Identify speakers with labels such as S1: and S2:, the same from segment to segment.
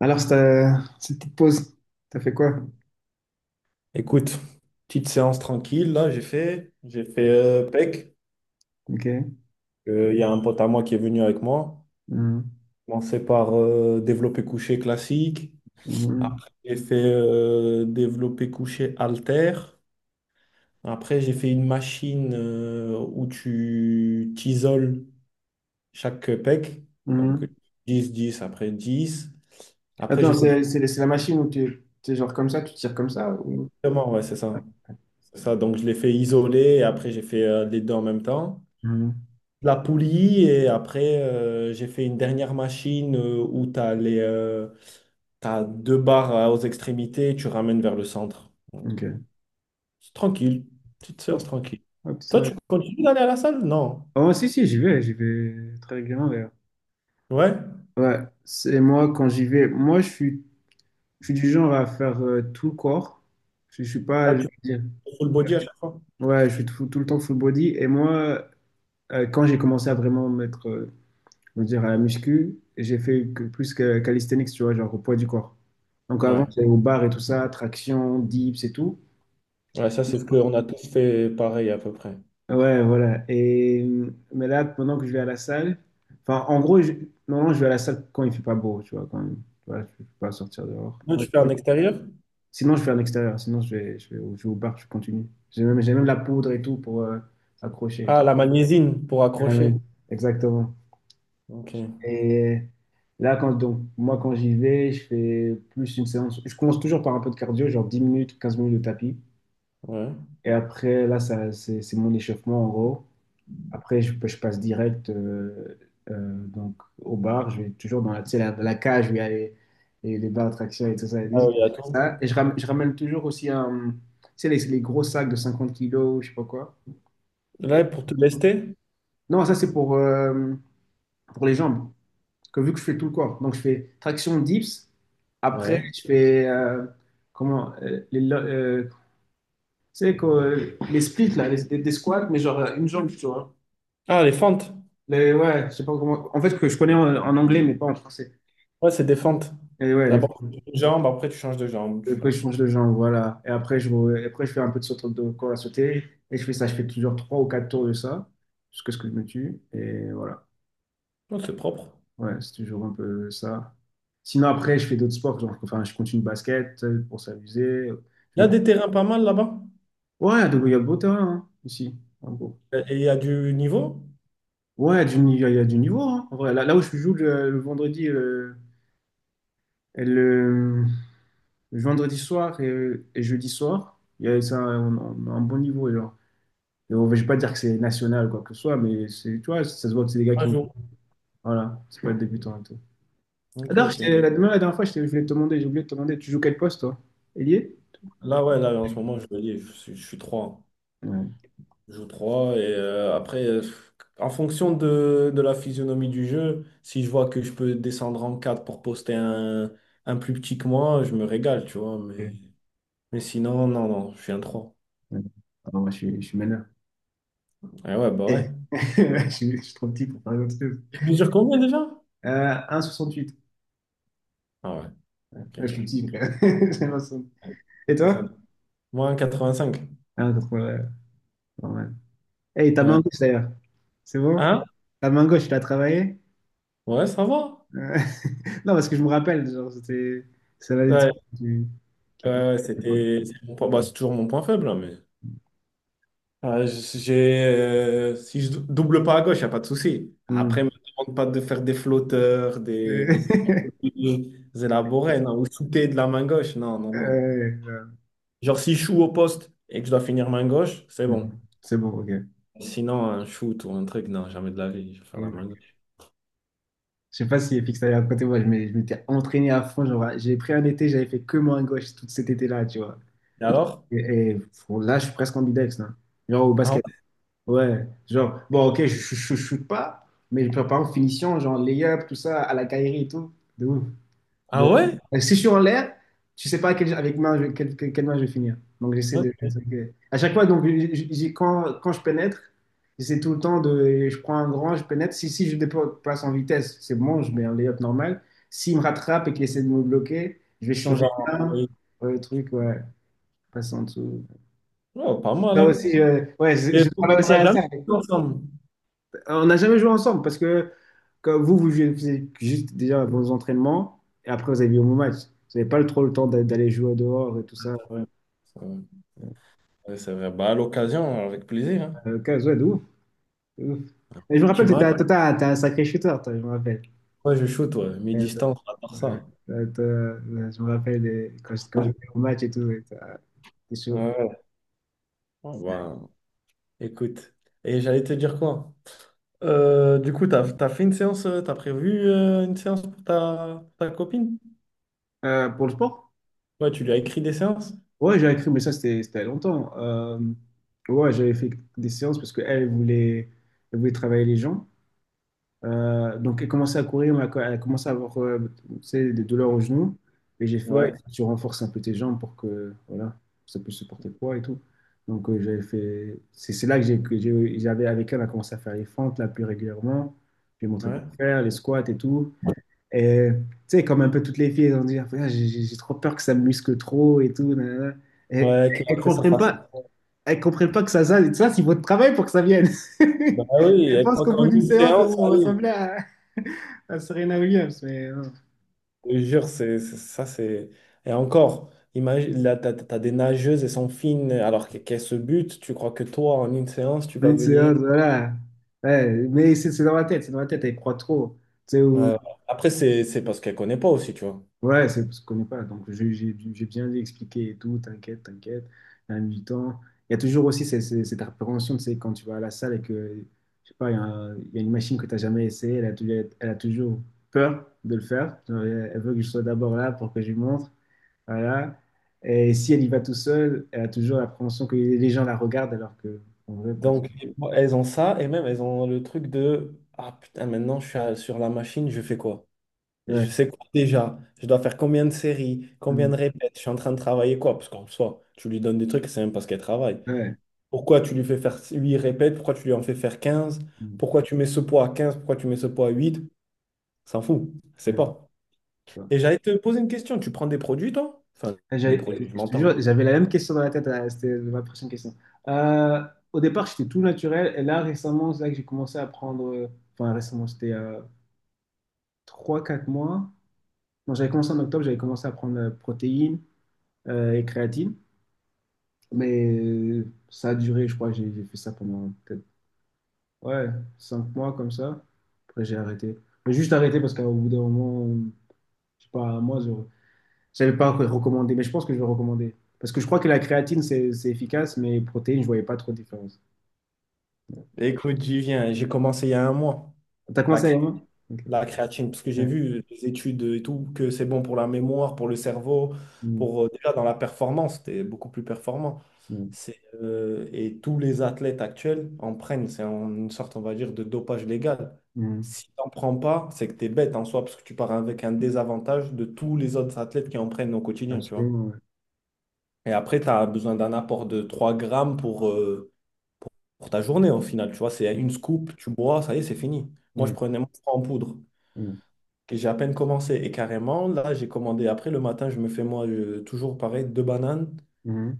S1: Alors, cette petite pause, t'as fait quoi?
S2: Écoute, petite séance tranquille, là, j'ai fait PEC.
S1: Ok.
S2: Il y a un pote à moi qui est venu avec moi.
S1: Mhm.
S2: J'ai commencé par développé couché classique.
S1: Mhm.
S2: Après, j'ai fait développé couché halter. Après, j'ai fait une machine où tu t'isoles chaque PEC. Donc,
S1: Mhm.
S2: dix après 10. Après,
S1: Attends,
S2: j'ai fait...
S1: c'est la machine où tu es genre comme ça, tu tires comme ça ou...
S2: Exactement, ouais, c'est ça. C'est ça. Donc, je l'ai fait isoler et après, j'ai fait les deux en même temps.
S1: Mhm.
S2: La poulie et après j'ai fait une dernière machine où tu as les t'as deux barres aux extrémités et tu ramènes vers le centre.
S1: Ok.
S2: C'est tranquille, petite
S1: Hop,
S2: séance tranquille.
S1: hop,
S2: Toi,
S1: ouais.
S2: tu continues d'aller à la salle? Non.
S1: Oh, si, si, j'y vais, très régulièrement d'ailleurs.
S2: Ouais.
S1: Ouais, c'est moi quand j'y vais. Moi, je suis du genre à faire tout le corps. Je suis pas,
S2: Ah,
S1: je veux
S2: tu
S1: dire,
S2: fais full body à chaque fois?
S1: ouais, je suis tout, tout le temps full body. Et moi, quand j'ai commencé à vraiment mettre Je veux dire, à la muscu, j'ai fait plus que calisthenics, tu vois, genre au poids du corps. Donc avant,
S2: Ouais.
S1: j'allais au bar et tout ça, traction, dips et tout.
S2: Ouais, ça c'est ce qu'on a tous fait pareil à peu près.
S1: Ouais, voilà. Et, mais là, pendant que je vais à la salle, enfin, en gros, normalement, je vais à la salle quand il fait pas beau, tu vois, quand tu vois, je peux pas sortir dehors.
S2: Toi, tu fais en extérieur?
S1: Sinon, je vais à l'extérieur, sinon, je vais au bar, je continue. J'ai même la poudre et tout pour accrocher et
S2: Ah,
S1: tout.
S2: la magnésienne pour
S1: Ah
S2: accrocher.
S1: oui, exactement.
S2: Ok.
S1: Et là, donc, moi, quand j'y vais, je fais plus une séance. Je commence toujours par un peu de cardio, genre 10 minutes, 15 minutes de tapis.
S2: Ouais.
S1: Et après, là, ça, c'est mon échauffement, en gros. Après, je passe direct donc, au bar. Je vais toujours dans la, tu sais, la cage où il y a les barres de traction et tout ça. Et,
S2: Ah
S1: tout
S2: oui, attends.
S1: ça. Et je ramène toujours aussi tu sais, les gros sacs de 50 kilos, je sais pas quoi.
S2: Là,
S1: Et-
S2: pour te lester?
S1: Non, ça, c'est pour les jambes. Parce que vu que je fais tout le corps, donc je fais traction dips, après
S2: Ouais.
S1: je fais comment tu sais, quoi, les splits là, des squats, mais genre une jambe, tu vois.
S2: Ah, les fentes.
S1: Ouais, je sais pas comment. En fait, que je connais en anglais, mais pas en français.
S2: Ouais, c'est des fentes.
S1: Et ouais,
S2: D'abord, tu fais une jambe, après, tu changes de jambe.
S1: et
S2: Tu-
S1: après je change de jambe, voilà. Et après je fais un peu de saut de corps à sauter. Et je fais ça, je fais toujours trois ou quatre tours de ça, jusqu'à ce que je me tue. Et voilà.
S2: Non, c'est propre.
S1: Ouais, c'est toujours un peu ça. Sinon, après, je fais d'autres sports. Genre, enfin, je continue le basket pour s'amuser.
S2: Il
S1: Je
S2: y
S1: vais
S2: a des terrains pas mal là-bas.
S1: Ouais, donc il y a beau terrain hein, ici, en gros.
S2: Et il y a du niveau?
S1: Ouais, du ni- il y a du niveau, hein, en vrai. Là où je joue le vendredi, et le vendredi soir et jeudi soir, il y a, ça, on a un bon niveau. Genre. Je vais pas dire que c'est national, quoi que ce soit, mais c'est, tu vois, ça se voit que c'est des gars qui
S2: Un
S1: ont.
S2: jour.
S1: Voilà, c'est pas le débutant et tout. Ah,
S2: Ok,
S1: d'ailleurs,
S2: ok.
S1: la dernière fois, je voulais te demander, j'ai oublié de te demander, tu joues quel poste, toi? Ailier?
S2: Là, ouais, là, en ce moment, je me dis, je suis 3.
S1: Ouais.
S2: Je joue trois. Et après, en fonction de la physionomie du jeu, si je vois que je peux descendre en 4 pour poster un plus petit que moi, je me régale, tu vois.
S1: Ouais.
S2: Mais sinon, non, non, je suis un trois.
S1: Ouais. Ah, moi, je suis meneur.
S2: Et ouais, bah
S1: Eh.
S2: ouais.
S1: Je suis trop petit pour faire autre chose.
S2: Tu mesures combien déjà?
S1: Huit.
S2: Ah ouais,
S1: Ouais, je suis
S2: ok.
S1: petit, frère. J'ai l'impression.
S2: Ouais.
S1: Et
S2: Ça-
S1: toi?
S2: moins quatre-vingt-cinq.
S1: Ah, t'as trouvé, ouais, normal. Hey, ta
S2: Ouais.
S1: main gauche, d'ailleurs. C'est bon?
S2: Hein?
S1: Ta main gauche, tu l'as travaillée?
S2: Ouais, ça va.
S1: Euh, Non, parce que je me rappelle, genre, c'était... Ça va des
S2: Ouais,
S1: trucs qui
S2: ouais,
S1: te manquaient
S2: ouais,
S1: à l'époque.
S2: c'était. C'est mon point- bah, c'est toujours mon point faible, hein, mais. J'ai, si je double pas à gauche, il n'y a pas de souci.
S1: Hmm.
S2: Après, ne me demande pas de faire des flotteurs,
S1: Euh,
S2: des trucs plus élaborés, non, ou shooter de la main gauche. Non, non, non.
S1: euh,
S2: Genre, si je joue au poste et que je dois finir main gauche, c'est bon.
S1: mhm. C'est bon, ok.
S2: Sinon, un shoot ou un truc, non, jamais de la vie, je vais faire
S1: Je
S2: la main gauche.
S1: sais pas si Fix t'avais raconté, moi, je m'étais entraîné à fond, genre, j'ai pris un été, j'avais fait que main gauche tout cet été-là, tu vois.
S2: Et alors?
S1: Et, et, bon, là, je suis presque ambidex, là. Genre, au
S2: Ah
S1: basket.
S2: ouais?
S1: Ouais, genre, bon, ok, je shoot pas, mais je prépare en finition, genre layup, tout ça, à la Kyrie et tout. De ouf.
S2: Ah
S1: De-
S2: ouais?
S1: Si je suis en l'air, tu sais pas avec main quelle main je vais finir. Donc, j'essaie de.
S2: Ok.
S1: Ok. À chaque fois, donc, quand je pénètre, j'essaie tout le temps de. Je prends un grand, je pénètre. Si je dépasse en vitesse, c'est bon, je mets un layup normal. S'il me rattrape et qu'il essaie de me bloquer, je vais
S2: Tu
S1: changer
S2: vas
S1: de
S2: en-
S1: main. Ouais, le truc, ouais, passer en dessous.
S2: Oh, pas mal,
S1: Ça
S2: hein?
S1: aussi, ouais, je,
S2: Mais
S1: je
S2: on
S1: travaille aussi
S2: l'a
S1: à
S2: jamais
S1: ça.
S2: fait ensemble.
S1: On n'a jamais joué ensemble parce que quand vous faisiez juste déjà vos entraînements et après vous avez vu vos matchs. Vous n'avez pas trop le temps d'aller jouer dehors et tout ça.
S2: Ouais, c'est vrai. Ouais, c'est vrai. Bah, à l'occasion, avec plaisir. Hein.
S1: 15, ouais, de ouf, de ouf. Et je me
S2: Tu
S1: rappelle, t'étais
S2: match,
S1: toi, t'es un sacré shooter, toi, je me rappelle.
S2: moi je shoot, ouais. Mes
S1: Euh,
S2: distances, à part
S1: euh,
S2: ça.
S1: toi, je me rappelle quand je
S2: Ouais,
S1: jouais au match et tout. Et t'es sûr.
S2: ouais. Ouais, bah, écoute. Et j'allais te dire quoi? Du coup, t'as fait une séance, t'as prévu une séance pour ta, ta copine?
S1: Pour le sport?
S2: Ouais, tu lui as écrit des séances?
S1: Ouais, j'avais cru, mais ça, c'était il y a longtemps. Ouais, j'avais fait des séances parce qu'elle voulait, elle voulait travailler les gens. Donc, elle commençait à courir, mais elle a commencé à avoir tu sais, des douleurs au genou. Et j'ai fait, ouais,
S2: Ouais,
S1: tu renforces un peu tes jambes pour que voilà, ça puisse supporter le poids et tout. Donc, j'avais fait. C'est là que j'avais avec elle, on a commencé à faire les fentes là plus régulièrement. J'ai montré
S2: ouais.
S1: comment faire, les squats et tout. Et tu sais, comme un peu toutes les filles, elles ont dit, ah, j'ai trop peur que ça me muscle trop et tout, nanana. Et
S2: Ouais,
S1: elles
S2: qu'après ça
S1: comprennent
S2: fasse.
S1: pas, elles comprennent pas que ça c'est votre travail pour que ça vienne.
S2: Bah oui,
S1: Elles
S2: elle
S1: pensent
S2: croit
S1: qu'au bout
S2: qu'en
S1: d'une
S2: une
S1: séance, elles
S2: séance,
S1: vont
S2: ça y.
S1: ressembler à Serena Williams, mais
S2: Je te jure, c'est. Et encore, imagine, là, t'as des nageuses, elles sont fines, alors que- qu'elles se butent. Tu crois que toi, en une séance, tu vas
S1: une
S2: venir.
S1: séance, voilà. Ouais, mais c'est dans ma tête, c'est dans ma tête, elle croit trop. Tu sais,
S2: euh, Après, c'est parce qu'elles ne connaissent pas aussi, tu vois.
S1: ouais, c'est parce qu'on connaît pas. Donc, j'ai bien dû expliquer et tout, t'inquiète, t'inquiète, il y a du temps. Il y a toujours aussi cette appréhension, tu sais, quand tu vas à la salle et que, je sais pas, il y a, il y a une machine que tu n'as jamais essayée, elle a toujours peur de le faire. Genre, elle elle veut que je sois d'abord là pour que je lui montre. Voilà. Et si elle y va tout seule, elle a toujours l'appréhension que les gens la regardent alors que, en vrai, personne.
S2: Donc, elles ont ça, et même, elles ont le truc de ah putain, maintenant, je suis à- sur la machine, je fais quoi?
S1: Ouais.
S2: Je sais quoi déjà? Je dois faire combien de séries? Combien
S1: Mm.
S2: de répètes? Je suis en train de travailler quoi? Parce qu'en soi, tu lui donnes des trucs, c'est même parce qu'elle travaille.
S1: Ouais.
S2: Pourquoi tu lui fais faire 8 répètes? Pourquoi tu lui en fais faire quinze?
S1: Mm.
S2: Pourquoi tu mets ce poids à quinze? Pourquoi tu mets ce poids à huit? S'en fout, c'est
S1: Ouais.
S2: pas.
S1: Ouais.
S2: Et j'allais te poser une question. Tu prends des produits, toi? Enfin, des
S1: J'avais-
S2: produits, je
S1: Je te
S2: m'entends.
S1: jure, j'avais la même question dans la tête, c'était ma prochaine question. Euh, au départ, j'étais tout naturel, et là, récemment, c'est là que j'ai commencé à prendre, enfin récemment, c'était 3-4 mois. Bon, j'avais commencé en octobre, j'avais commencé à prendre protéines et créatine, mais ça a duré, je crois, j'ai fait ça pendant peut-être, ouais, 5 mois comme ça. Après, j'ai arrêté. J'ai juste arrêté parce qu'au bout d'un moment, je sais pas, moi, je savais pas recommander, mais je pense que je vais recommander. Parce que je crois que la créatine, c'est efficace, mais les protéines, je voyais pas trop de différence.
S2: Écoute, j'y viens. J'ai commencé il y a un mois.
S1: T'as
S2: La
S1: commencé à y avoir? Ok.
S2: la créatine, parce que j'ai
S1: Ouais.
S2: vu des études et tout, que c'est bon pour la mémoire, pour le cerveau,
S1: Mm,
S2: pour déjà dans la performance, t'es beaucoup plus performant.
S1: mm,
S2: C'est, et tous les athlètes actuels en prennent, une sorte, on va dire, de dopage légal.
S1: mm.
S2: Si t'en prends pas, c'est que t'es bête en soi, parce que tu pars avec un désavantage de tous les autres athlètes qui en prennent au quotidien, tu vois.
S1: Absolument, ouais.
S2: Et après, tu as besoin d'un apport de 3 grammes pour ta journée au final, tu vois. C'est une scoop, tu bois, ça y est, c'est fini. Moi, je
S1: Mm,
S2: prenais mon froid en poudre
S1: mm,
S2: que j'ai à peine commencé. Et carrément, là, j'ai commandé. Après, le matin, je me fais moi toujours pareil, deux bananes,
S1: mm.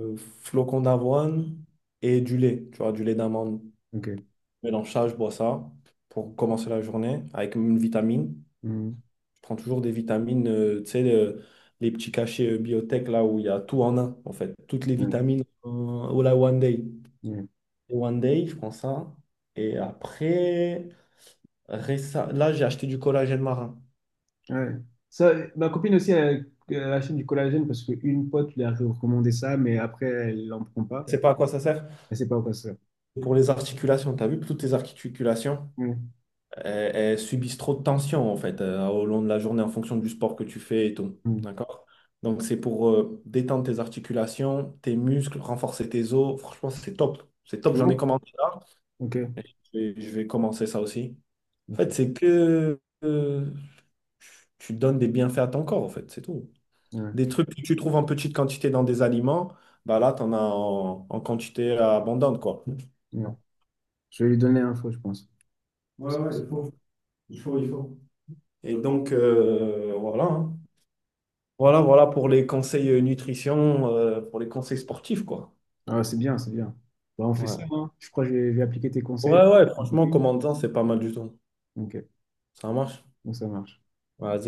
S2: flocons d'avoine et du lait, tu vois, du lait d'amande.
S1: Ok.
S2: Mélange ça, je bois ça pour commencer la journée avec une vitamine.
S1: Mm,
S2: Je prends toujours des vitamines, tu sais, le- les petits cachets biotech là où il y a tout en un, en fait. Toutes les
S1: mm,
S2: vitamines, au la One Day.
S1: mm.
S2: Et One Day, je prends ça. Et après, récem- là, j'ai acheté du collagène marin.
S1: Ouais. Ça, ma copine aussi, elle, elle achète du collagène parce qu'une pote lui a recommandé ça, mais après, elle n'en prend pas.
S2: Tu sais pas à quoi ça sert?
S1: Elle sait pas quoi c'est.
S2: Pour les articulations, tu as vu que toutes les articulations,
S1: Mm,
S2: elles, elles subissent trop de tension en fait au long de la journée en fonction du sport que tu fais et tout.
S1: mm.
S2: D'accord? Donc c'est pour détendre tes articulations, tes muscles, renforcer tes os. Franchement, c'est top. C'est top,
S1: C'est
S2: j'en ai
S1: bon?
S2: commencé là.
S1: Ok.
S2: Je vais commencer ça aussi. En fait,
S1: Ok.
S2: c'est que tu donnes des bienfaits à ton corps en fait, c'est tout.
S1: Ouais.
S2: Des trucs que tu trouves en petite quantité dans des aliments, bah là, tu en as en, en quantité abondante quoi.
S1: Ouais. Je vais lui donner l'info, je pense.
S2: Il faut, il faut. Et donc, voilà. Hein. Voilà, voilà pour les conseils nutrition, pour les conseils sportifs, quoi.
S1: Ah, c'est bien, c'est bien. Bah, on fait
S2: Ouais,
S1: ça, hein. Je crois que je vais appliquer tes conseils avec
S2: ouais,
S1: une
S2: franchement,
S1: copine.
S2: commentant, c'est pas mal du tout.
S1: Ok,
S2: Ça marche.
S1: bon, ça marche.
S2: Vas-y.